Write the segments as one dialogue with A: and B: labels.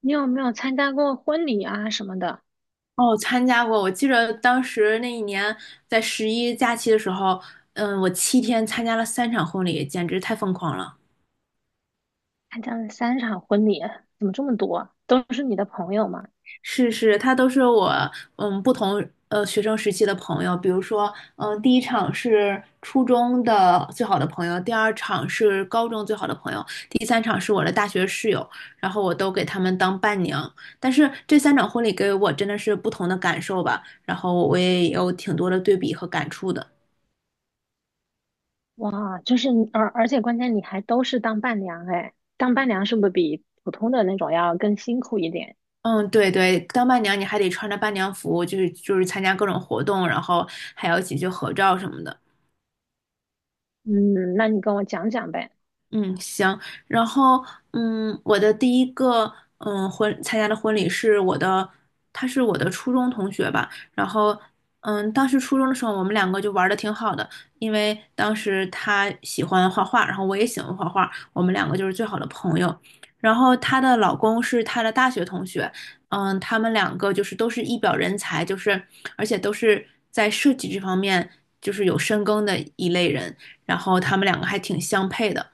A: 你有没有参加过婚礼啊什么的？
B: 哦，参加过。我记着当时那一年在十一假期的时候，我7天参加了三场婚礼，简直太疯狂了。
A: 参加了三场婚礼，怎么这么多？都是你的朋友吗？
B: 是是，他都是我不同学生时期的朋友，比如说第一场是初中的最好的朋友，第二场是高中最好的朋友，第三场是我的大学室友，然后我都给他们当伴娘。但是这三场婚礼给我真的是不同的感受吧，然后我也有挺多的对比和感触的。
A: 哇，就是你而且关键你还都是当伴娘哎，当伴娘是不是比普通的那种要更辛苦一点？
B: 嗯，对对，当伴娘你还得穿着伴娘服，就是参加各种活动，然后还要一起去合照什么的。
A: 嗯，那你跟我讲讲呗。
B: 嗯，行。然后，我的第一个，参加的婚礼是我的，他是我的初中同学吧。然后，当时初中的时候，我们两个就玩的挺好的，因为当时他喜欢画画，然后我也喜欢画画，我们两个就是最好的朋友。然后她的老公是她的大学同学，他们两个就是都是一表人才，就是而且都是在设计这方面就是有深耕的一类人，然后他们两个还挺相配的。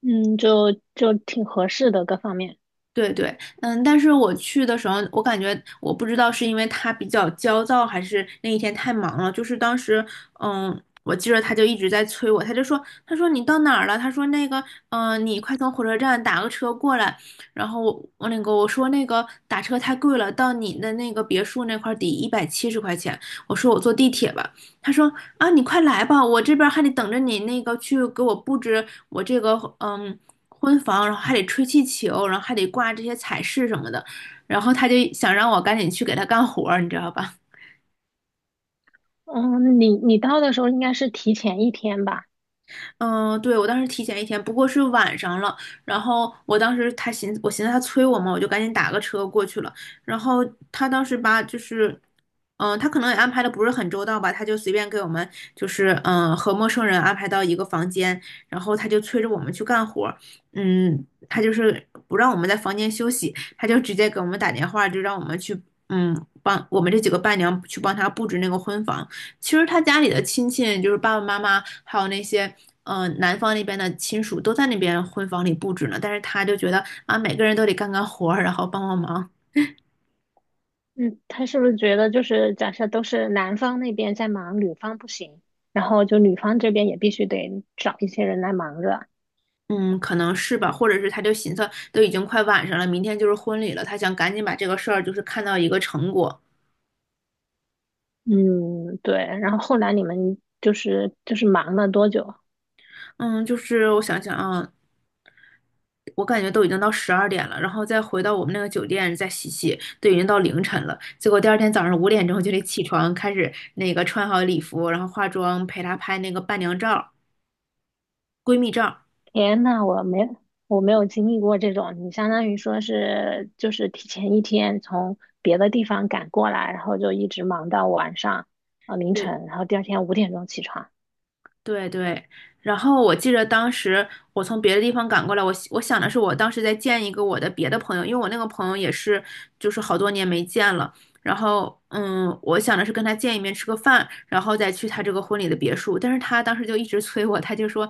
A: 嗯，就挺合适的各方面。
B: 对对，但是我去的时候，我感觉我不知道是因为他比较焦躁，还是那一天太忙了。就是当时，嗯，我记着他就一直在催我，他就说，他说你到哪儿了？他说那个，你快从火车站打个车过来。然后我那个我说那个打车太贵了，到你的那个别墅那块儿得170块钱。我说我坐地铁吧。他说啊，你快来吧，我这边还得等着你那个去给我布置我这个婚房，然后还得吹气球，然后还得挂这些彩饰什么的，然后他就想让我赶紧去给他干活儿你知道吧？
A: 嗯，你到的时候应该是提前一天吧？
B: 嗯，对，我当时提前一天，不过是晚上了。然后我当时我寻思他催我嘛，我就赶紧打个车过去了。然后他当时吧，就是，他可能也安排的不是很周到吧，他就随便给我们就是和陌生人安排到一个房间，然后他就催着我们去干活儿他就是不让我们在房间休息，他就直接给我们打电话，就让我们去帮我们这几个伴娘去帮他布置那个婚房。其实他家里的亲戚，就是爸爸妈妈，还有那些。男方那边的亲属都在那边婚房里布置呢，但是他就觉得啊，每个人都得干干活儿，然后帮帮忙。
A: 嗯，他是不是觉得就是假设都是男方那边在忙，女方不行，然后就女方这边也必须得找一些人来忙着。
B: 嗯，可能是吧，或者是他就寻思，都已经快晚上了，明天就是婚礼了，他想赶紧把这个事儿就是看到一个成果。
A: 嗯，对。然后后来你们就是忙了多久？
B: 嗯，就是我想想啊，我感觉都已经到12点了，然后再回到我们那个酒店再洗洗，都已经到凌晨了。结果第二天早上5点钟就得起床，开始那个穿好礼服，然后化妆，陪她拍那个伴娘照、闺蜜照。
A: 天呐，我没有经历过这种，你相当于说是就是提前一天从别的地方赶过来，然后就一直忙到晚上凌
B: 对，
A: 晨，然后第二天五点钟起床。
B: 对对，然后我记得当时我从别的地方赶过来，我想的是我当时再见一个我的别的朋友，因为我那个朋友也是就是好多年没见了，然后我想的是跟他见一面吃个饭，然后再去他这个婚礼的别墅，但是他当时就一直催我，他就说。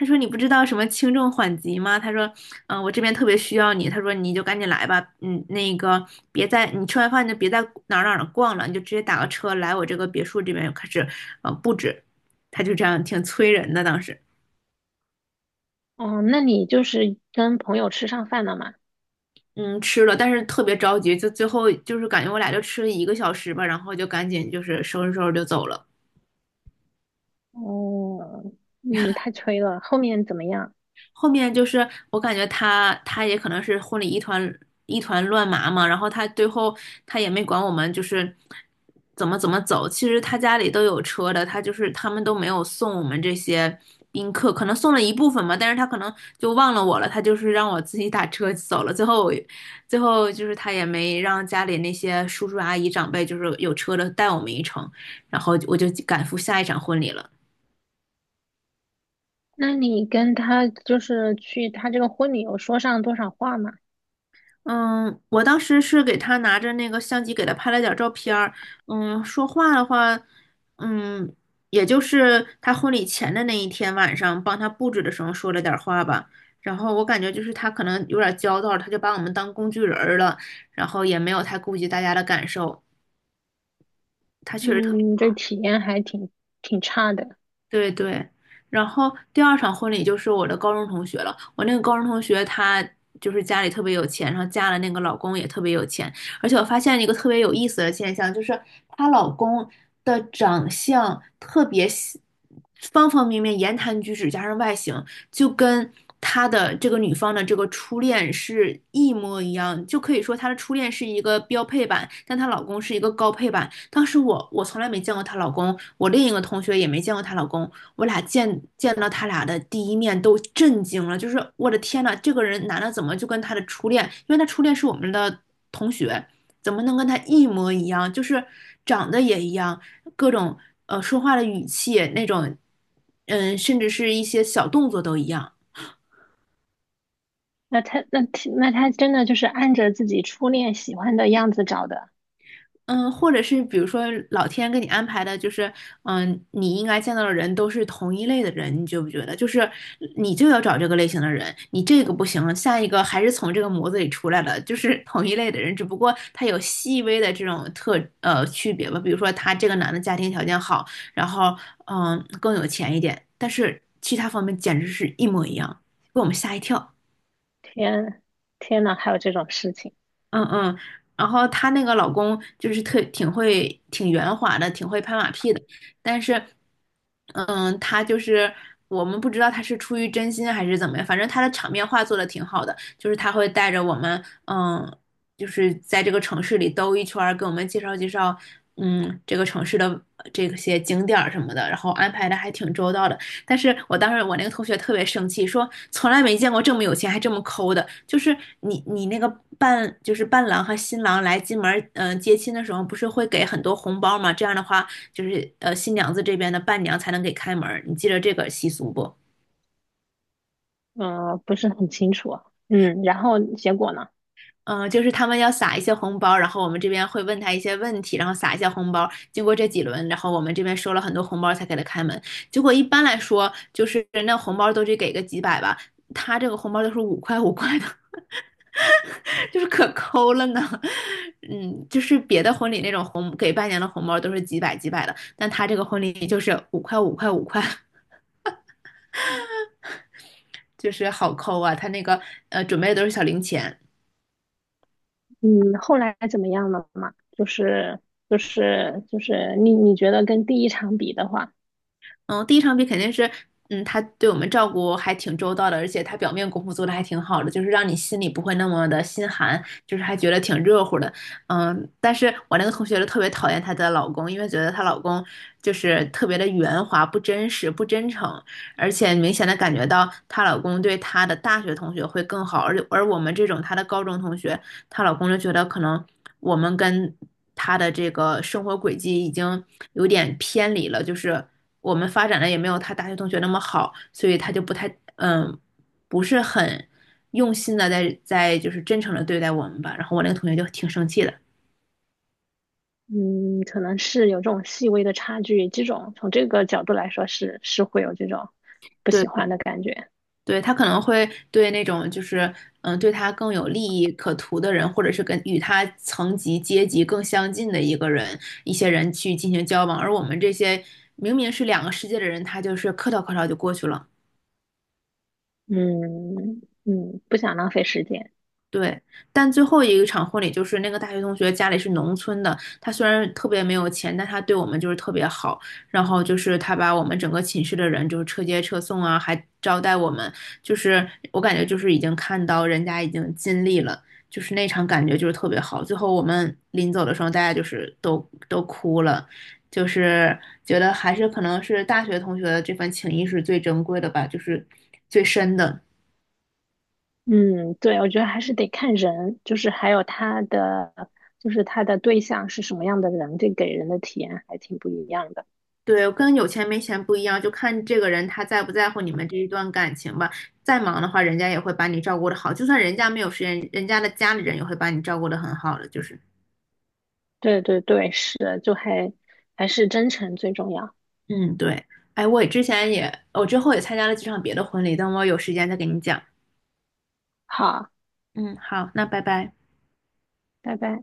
B: 他说：“你不知道什么轻重缓急吗？”他说：我这边特别需要你。”他说：“你就赶紧来吧，那个别在你吃完饭你就别在哪儿逛了，你就直接打个车来我这个别墅这边开始布置。”他就这样挺催人的。当时，
A: 哦，那你就是跟朋友吃上饭了吗？
B: 嗯，吃了，但是特别着急，就最后就是感觉我俩就吃了1个小时吧，然后就赶紧就是收拾收拾就走了。
A: 哦，嗯，太催了。后面怎么样？
B: 后面就是我感觉他也可能是婚礼一团乱麻嘛，然后他最后他也没管我们就是怎么走，其实他家里都有车的，他就是他们都没有送我们这些宾客，可能送了一部分嘛，但是他可能就忘了我了，他就是让我自己打车走了，最后就是他也没让家里那些叔叔阿姨长辈就是有车的带我们一程，然后我就赶赴下一场婚礼了。
A: 那你跟他就是去他这个婚礼有说上多少话吗？
B: 嗯，我当时是给他拿着那个相机给他拍了点儿照片儿。说话的话，嗯，也就是他婚礼前的那一天晚上，帮他布置的时候说了点儿话吧。然后我感觉就是他可能有点儿焦躁，他就把我们当工具人儿了，然后也没有太顾及大家的感受。他确实特
A: 嗯，这体验还挺差的。
B: 对对，然后第二场婚礼就是我的高中同学了。我那个高中同学她就是家里特别有钱，然后嫁了那个老公也特别有钱。而且我发现一个特别有意思的现象，就是她老公的长相特别喜方方面面，言谈举止加上外形，就跟她的这个女方的这个初恋是一模一样。就可以说她的初恋是一个标配版，但她老公是一个高配版。当时我从来没见过她老公，我另一个同学也没见过她老公，我俩见到他俩的第一面都震惊了，就是我的天呐，这个人男的怎么就跟他的初恋，因为他初恋是我们的同学，怎么能跟他一模一样？就是长得也一样，各种说话的语气那种，甚至是一些小动作都一样。
A: 那他那那他真的就是按着自己初恋喜欢的样子找的。
B: 嗯，或者是比如说老天给你安排的，就是你应该见到的人都是同一类的人，你觉不觉得？就是你就要找这个类型的人，你这个不行，下一个还是从这个模子里出来的，就是 同一类的人，只不过他有细微的这种区别吧。比如说他这个男的家庭条件好，然后更有钱一点，但是其他方面简直是一模一样，给我们吓一跳。
A: 天，天呐，还有这种事情，
B: 嗯嗯，然后她那个老公就是特挺会、挺圆滑的，挺会拍马屁的，但是，嗯，他就是我们不知道他是出于真心还是怎么样，反正他的场面话做的挺好的，就是他会带着我们，就是在这个城市里兜一圈儿，给我们介绍介绍，这个城市的这些景点儿什么的，然后安排的还挺周到的。但是我当时我那个同学特别生气，说从来没见过这么有钱还这么抠的。就是你那个伴就是伴郎和新郎来进门接亲的时候，不是会给很多红包吗？这样的话，就是新娘子这边的伴娘才能给开门你记得这个习俗不？
A: 嗯、呃不是很清楚啊。嗯，然后结果呢？
B: 嗯、就是他们要撒一些红包，然后我们这边会问他一些问题，然后撒一些红包。经过这几轮，然后我们这边收了很多红包才给他开门。结果一般来说，就是那红包都得给个几百吧，他这个红包都是五块五块的。就是可抠了呢。就是别的婚礼那种给伴娘的红包都是几百几百的，但他这个婚礼就是五块五块五块，就是好抠啊。他那个准备的都是小零钱。
A: 嗯，后来怎么样了嘛？就是你你觉得跟第一场比的话，
B: 嗯，第一场比肯定是。他对我们照顾还挺周到的，而且他表面功夫做的还挺好的，就是让你心里不会那么的心寒，就是还觉得挺热乎的。但是我那个同学就特别讨厌她的老公，因为觉得她老公就是特别的圆滑、不真实、不真诚。而且明显的感觉到她老公对她的大学同学会更好，而我们这种她的高中同学，她老公就觉得可能我们跟她的这个生活轨迹已经有点偏离了，就是我们发展的也没有她大学同学那么好，所以她就不太不是很用心的在就是真诚的对待我们吧。然后我那个同学就挺生气的。
A: 嗯，可能是有这种细微的差距，这种从这个角度来说是会有这种不
B: 对
A: 喜欢的感觉。
B: 对，他可能会对那种就是对他更有利益可图的人，或者是跟与他层级阶级更相近的一个人，一些人去进行交往，而我们这些明明是两个世界的人，他就是客套客套就过去了。
A: 嗯嗯，不想浪费时间。
B: 对，但最后一个场婚礼就是那个大学同学家里是农村的，他虽然特别没有钱，但他对我们就是特别好。然后就是他把我们整个寝室的人就是车接车送啊，还招待我们，就是我感觉就是已经看到人家已经尽力了，就是那场感觉就是特别好。最后我们临走的时候，大家就是都哭了，就是觉得还是可能是大学同学的这份情谊是最珍贵的吧，就是最深的。
A: 嗯，对，我觉得还是得看人，就是还有他的，就是他的对象是什么样的人，这给人的体验还挺不一样的。
B: 对，跟有钱没钱不一样，就看这个人他在不在乎你们这一段感情吧。再忙的话，人家也会把你照顾的好，就算人家没有时间，人家的家里人也会把你照顾的很好的。就是，
A: 对对对，是，就还是真诚最重要。
B: 嗯，对。哎，我也之前也，我之后也参加了几场别的婚礼，等我有时间再给你讲。
A: 好，
B: 嗯，好，那拜拜。
A: 拜拜。